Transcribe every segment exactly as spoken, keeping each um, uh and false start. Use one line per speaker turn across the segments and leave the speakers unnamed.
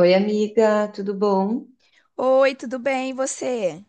Oi, amiga, tudo bom?
Oi, tudo bem, e você?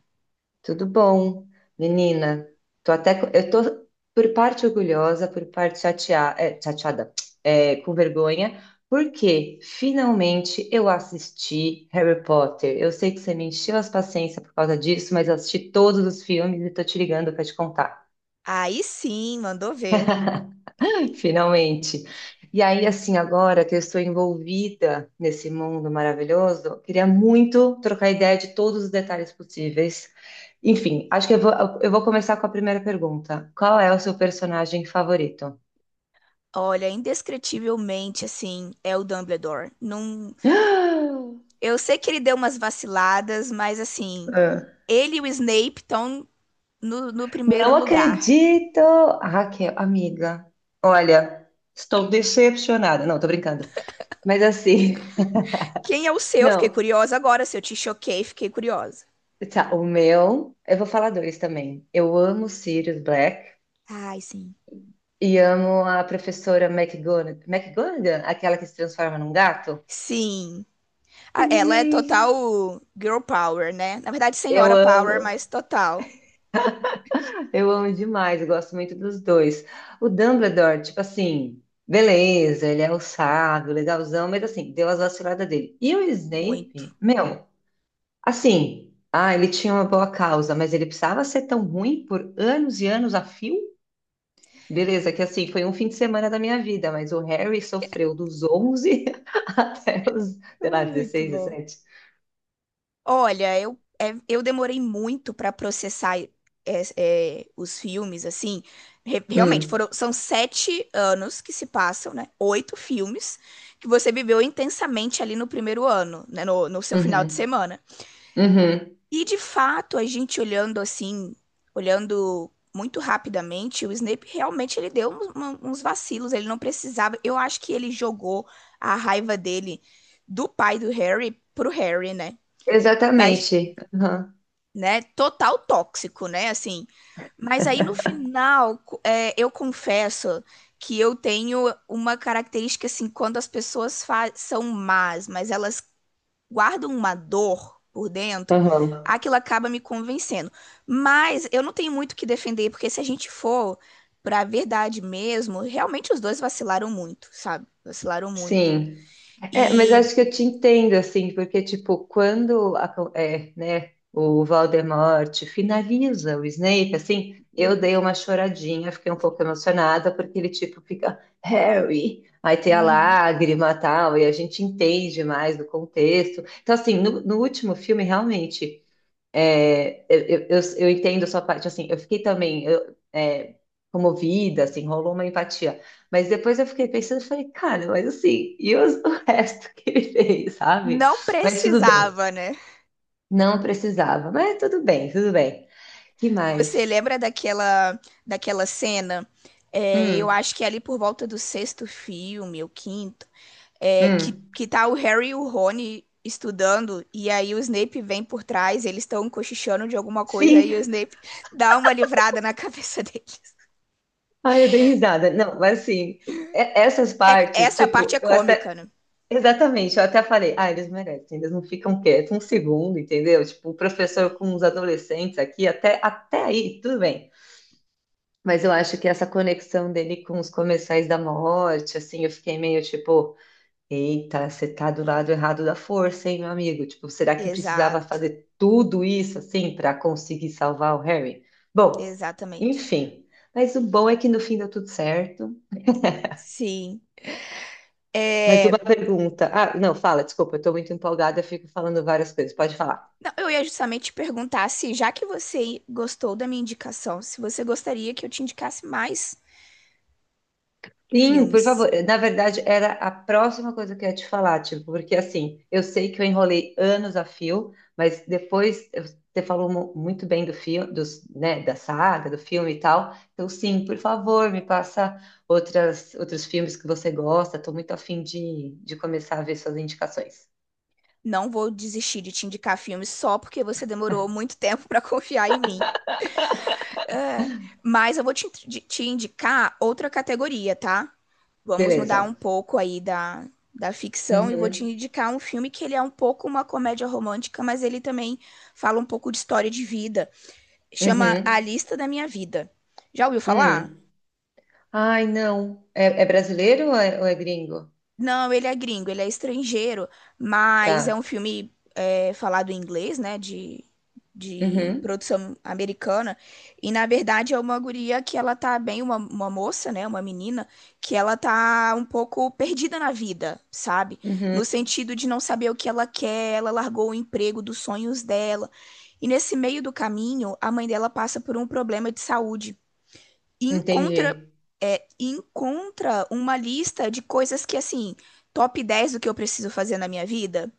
Tudo bom. Menina, tô até, co- eu tô por parte orgulhosa, por parte chatea- é, chateada, é, com vergonha, porque finalmente eu assisti Harry Potter. Eu sei que você me encheu as paciências por causa disso, mas eu assisti todos os filmes e tô te ligando pra te contar.
Aí sim, mandou ver.
Finalmente. E aí, assim, agora que eu estou envolvida nesse mundo maravilhoso, eu queria muito trocar ideia de todos os detalhes possíveis. Enfim, acho que eu vou, eu vou começar com a primeira pergunta. Qual é o seu personagem favorito?
Olha, indescritivelmente, assim, é o Dumbledore. Não. Eu sei que ele deu umas vaciladas, mas, assim,
Ah,
ele e o Snape estão no, no primeiro
não
lugar.
acredito! Ah, Raquel, amiga, olha, estou decepcionada. Não, tô brincando. Mas assim,
Quem é o seu? Fiquei
não,
curiosa agora. Se eu te choquei, fiquei curiosa.
tá, o meu, eu vou falar dois também. Eu amo Sirius Black.
Ai, sim.
E amo a professora McGonag- McGonagall, aquela que se transforma num gato.
Sim. A- Ela é
Sim.
total girl power, né? Na verdade,
Eu
senhora power,
amo,
mas total.
eu amo demais, eu gosto muito dos dois. O Dumbledore, tipo assim, beleza, ele é o sábio, legalzão, mas assim, deu as vaciladas dele. E o
Muito.
Snape, meu, assim, ah, ele tinha uma boa causa, mas ele precisava ser tão ruim por anos e anos a fio? Beleza, que assim, foi um fim de semana da minha vida, mas o Harry sofreu dos onze até os, sei lá,
Ai, muito
dezesseis,
bom.
dezessete.
Olha, eu, é- eu demorei muito pra processar é, é, os filmes, assim. Re- realmente,
Hum,
foram, são sete anos que se passam, né? Oito filmes que você viveu intensamente ali no primeiro ano, né? No, no seu final de
uhum,
semana.
uhum.
E, de fato, a gente olhando assim, olhando muito rapidamente, o Snape realmente ele deu uns, uma- uns vacilos, ele não precisava. Eu acho que ele jogou a raiva dele do pai do Harry pro Harry, né?
Exatamente. Aham,
né? Total tóxico, né? Assim. Mas aí no final, co- é, eu confesso que eu tenho uma característica assim, quando as pessoas fa- são más, mas elas guardam uma dor por dentro,
aham.
aquilo acaba me convencendo. Mas eu não tenho muito o que defender, porque se a gente for pra verdade mesmo, realmente os dois vacilaram muito, sabe? Vacilaram muito.
Sim. É, mas
E
acho que eu te entendo, assim, porque, tipo, quando a co- é, né, o Voldemort finaliza o Snape, assim, eu dei uma choradinha, fiquei um pouco emocionada, porque ele, tipo, fica Harry, aí tem a
Uhum.
lágrima e tal, e a gente entende mais do contexto. Então, assim, no, no último filme, realmente. É, eu, eu, eu entendo a sua parte, assim, eu fiquei também eu, é, comovida, assim, rolou uma empatia. Mas depois eu fiquei pensando, eu falei, cara, mas assim, e os- o resto que ele fez, sabe?
Não
Mas tudo bem,
precisava, né?
não precisava, mas tudo bem, tudo bem. Que
Você
mais?
lembra daquela, daquela cena? É, eu
Hum,
acho que é ali por volta do sexto filme, o quinto, é, que,
hum.
que tá o Harry e o Rony estudando, e aí o Snape vem por trás, eles estão cochichando de alguma coisa, e o
Sim,
Snape dá uma livrada na cabeça deles.
ai, eu dei risada. Não, mas assim, e- essas
É-
partes,
essa parte é
tipo, eu
cômica,
até
né?
exatamente, eu até falei, ah, eles merecem, eles não ficam quietos um segundo, entendeu? Tipo, o professor com os adolescentes aqui, até, até aí, tudo bem. Mas eu acho que essa conexão dele com os comerciais da morte, assim, eu fiquei meio tipo, eita, você tá do lado errado da força, hein, meu amigo? Tipo, será que precisava
Exato,
fazer tudo isso, assim, para conseguir salvar o Harry? Bom,
exatamente.
enfim. Mas o bom é que no fim deu tudo certo.
Sim.
Mas
É,
uma pergunta. Ah, não, fala, desculpa, eu tô muito empolgada, eu fico falando várias coisas. Pode falar.
não, eu ia justamente te perguntar se, já que você gostou da minha indicação, se você gostaria que eu te indicasse mais
Sim, por
filmes.
favor. Na verdade, era a próxima coisa que eu ia te falar, tipo, porque assim, eu sei que eu enrolei anos a fio, mas depois eu- você falou mu- muito bem do filme, dos, né, da saga, do filme e tal. Então, sim, por favor, me passa outras, outros filmes que você gosta. Estou muito afim de, de começar a ver suas indicações.
Não vou desistir de te indicar filmes só porque você demorou muito tempo para confiar em mim. É, mas eu vou te, te indicar outra categoria, tá? Vamos mudar um
Beleza.
pouco aí da, da ficção e vou
Uhum,
te indicar um filme que ele é um pouco uma comédia romântica, mas ele também fala um pouco de história de vida. Chama
uhum,
A Lista da Minha Vida. Já ouviu falar?
hum. Ai, não. É, é brasileiro ou é, ou é gringo?
Não, ele é gringo, ele é estrangeiro, mas é um
Tá.
filme é, falado em inglês, né? De, de
Uhum,
produção americana. E na verdade é uma guria que ela tá bem, uma, uma moça, né? Uma menina, que ela tá um pouco perdida na vida, sabe?
uhum,
No sentido de não saber o que ela quer, ela largou o emprego dos sonhos dela. E nesse meio do caminho, a mãe dela passa por um problema de saúde e encontra,
entendi.
é, encontra uma lista de coisas que, assim, top dez do que eu preciso fazer na minha vida.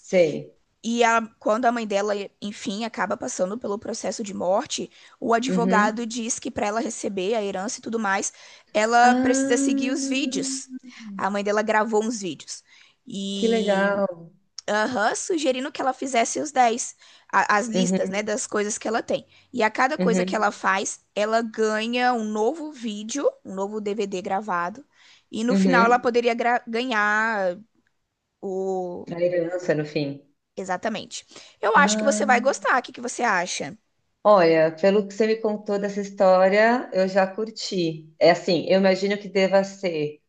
Sei.
E a- quando a mãe dela, enfim, acaba passando pelo processo de morte, o advogado
Uhum.
diz que para ela receber a herança e tudo mais, ela precisa
Ah,
seguir os vídeos. A mãe dela gravou uns vídeos.
que
E
legal.
aham, sugerindo que ela fizesse os dez a- as listas, né,
Uhum,
das coisas que ela tem. E a cada coisa que ela
uhum,
faz, ela ganha um novo vídeo, um novo D V D gravado, e no final ela
uhum.
poderia gra- ganhar o.
A herança no fim.
Exatamente. Eu acho que você
Ah,
vai gostar, o que que você acha?
olha, pelo que você me contou dessa história, eu já curti. É assim, eu imagino que deva ser.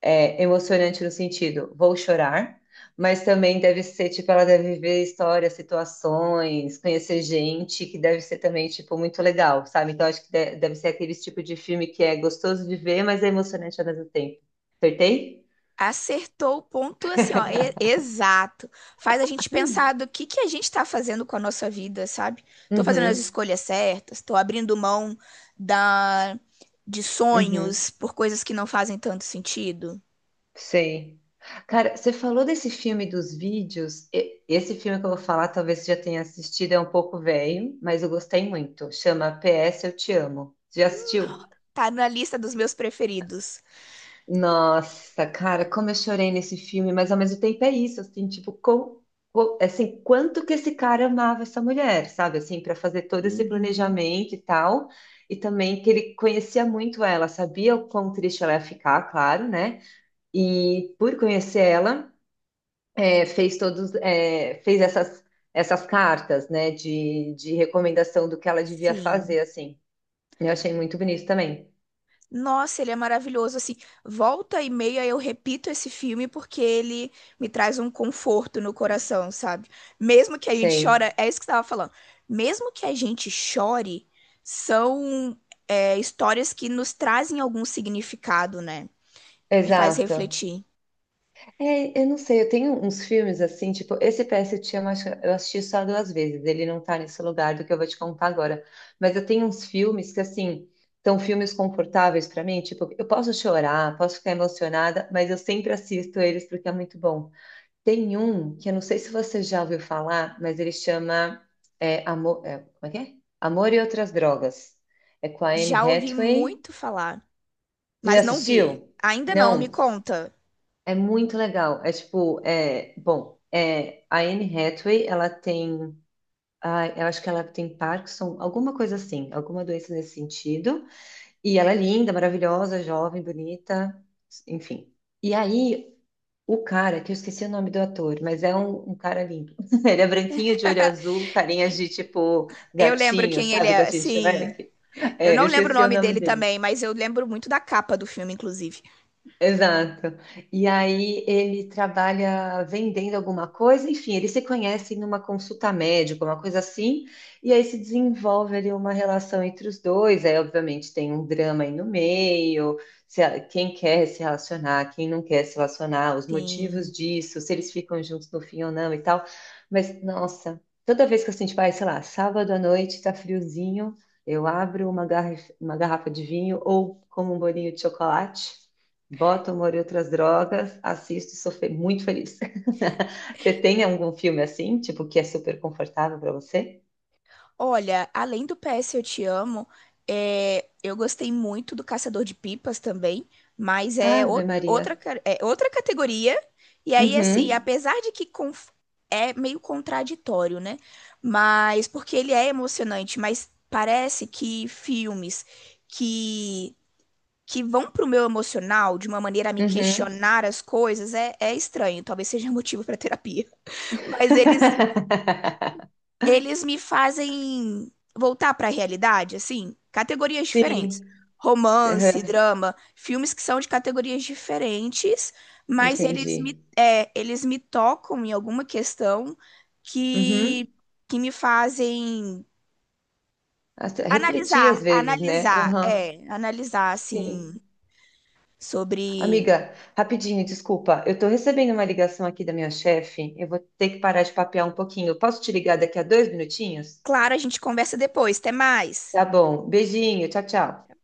É, emocionante no sentido, vou chorar, mas também deve ser, tipo, ela deve ver histórias, situações, conhecer gente, que deve ser também, tipo, muito legal, sabe? Então, acho que de- deve ser aquele tipo de filme que é gostoso de ver, mas é emocionante ao mesmo tempo. Acertei?
Acertou o ponto assim, ó, e- exato. Faz a gente
Ai,
pensar do que que a gente tá fazendo com a nossa vida, sabe? Tô fazendo as
uhum,
escolhas certas, tô abrindo mão da de
uhum,
sonhos por coisas que não fazem tanto sentido.
sei. Cara, você falou desse filme dos vídeos. e- Esse filme que eu vou falar, talvez você já tenha assistido, é um pouco velho, mas eu gostei muito. Chama P S Eu Te Amo. Você já assistiu?
Tá na lista dos meus preferidos.
Nossa, cara, como eu chorei nesse filme, mas ao mesmo tempo é isso, assim, tipo, com, com- assim, quanto que esse cara amava essa mulher, sabe, assim, para fazer todo esse
Uhum,
planejamento e tal, e também que ele conhecia muito ela, sabia o quão triste ela ia ficar, claro, né, e por conhecer ela, é, fez todos, é, fez essas, essas cartas, né, de, de recomendação do que ela devia
sim.
fazer, assim, eu achei muito bonito também,
Nossa, ele é maravilhoso. Assim, volta e meia eu repito esse filme porque ele me traz um conforto no coração, sabe? Mesmo que a gente
sei,
chora, é isso que você estava falando. Mesmo que a gente chore, são é, histórias que nos trazem algum significado, né? E faz
exato.
refletir.
É, eu não sei, eu tenho uns filmes assim, tipo, esse P S eu te amo, acho que eu assisti só duas vezes, ele não tá nesse lugar do que eu vou te contar agora. Mas eu tenho uns filmes que, assim, são filmes confortáveis pra mim, tipo, eu posso chorar, posso ficar emocionada, mas eu sempre assisto eles porque é muito bom. Tem um que eu não sei se você já ouviu falar, mas ele chama é, Amor, é, como é que é? Amor e Outras Drogas. É com a Anne
Já ouvi
Hathaway.
muito falar,
Você já
mas não vi.
assistiu?
Ainda não, me
Não.
conta.
É muito legal. É tipo, é, bom, é, a Anne Hathaway, ela tem, ai, eu acho que ela tem Parkinson, alguma coisa assim, alguma doença nesse sentido. E ela é linda, maravilhosa, jovem, bonita, enfim. E aí, o cara, que eu esqueci o nome do ator, mas é um, um cara lindo. Ele é branquinho, de olho azul, carinha de tipo
Eu lembro
gatinho,
quem ele
sabe?
é,
Gatinho de
sim.
Shrek.
Eu
É,
não
eu
lembro o
esqueci o
nome
nome
dele
dele.
também, mas eu lembro muito da capa do filme, inclusive.
Exato. E aí ele trabalha vendendo alguma coisa, enfim, eles se conhecem numa consulta médica, uma coisa assim, e aí se desenvolve ali uma relação entre os dois. Aí, obviamente, tem um drama aí no meio, se a- quem quer se relacionar, quem não quer se relacionar, os motivos
Sim.
disso, se eles ficam juntos no fim ou não e tal. Mas, nossa, toda vez que assim, tipo, ai, sei lá, sábado à noite, tá friozinho, eu abro uma garra- uma garrafa de vinho ou como um bolinho de chocolate. Boto humor e outras drogas, assisto e sou fe- muito feliz. Você tem algum filme assim, tipo, que é super confortável para você?
Olha, além do P S Eu Te Amo, é, eu gostei muito do Caçador de Pipas também, mas é, ou-
Ave Maria.
outra, ca- é outra categoria. E aí, assim,
Uhum,
apesar de que conf- é meio contraditório, né? Mas porque ele é emocionante, mas parece que filmes que, que vão pro meu emocional de uma maneira a me
uhum.
questionar as coisas é, é estranho. Talvez seja motivo para terapia. Mas eles eles me fazem voltar para a realidade, assim, categorias diferentes.
Sim,
Romance,
aham,
drama, filmes que são de categorias diferentes, mas eles me,
entendi.
é, eles me tocam em alguma questão que,
Uhum.
que me fazem
Até refletir às
analisar,
vezes, né?
analisar,
Aham,
é, analisar, assim,
sim.
sobre.
Amiga, rapidinho, desculpa. Eu tô recebendo uma ligação aqui da minha chefe. Eu vou ter que parar de papear um pouquinho. Posso te ligar daqui a dois minutinhos?
Claro, a gente conversa depois, até mais.
Tá bom. Beijinho, tchau, tchau.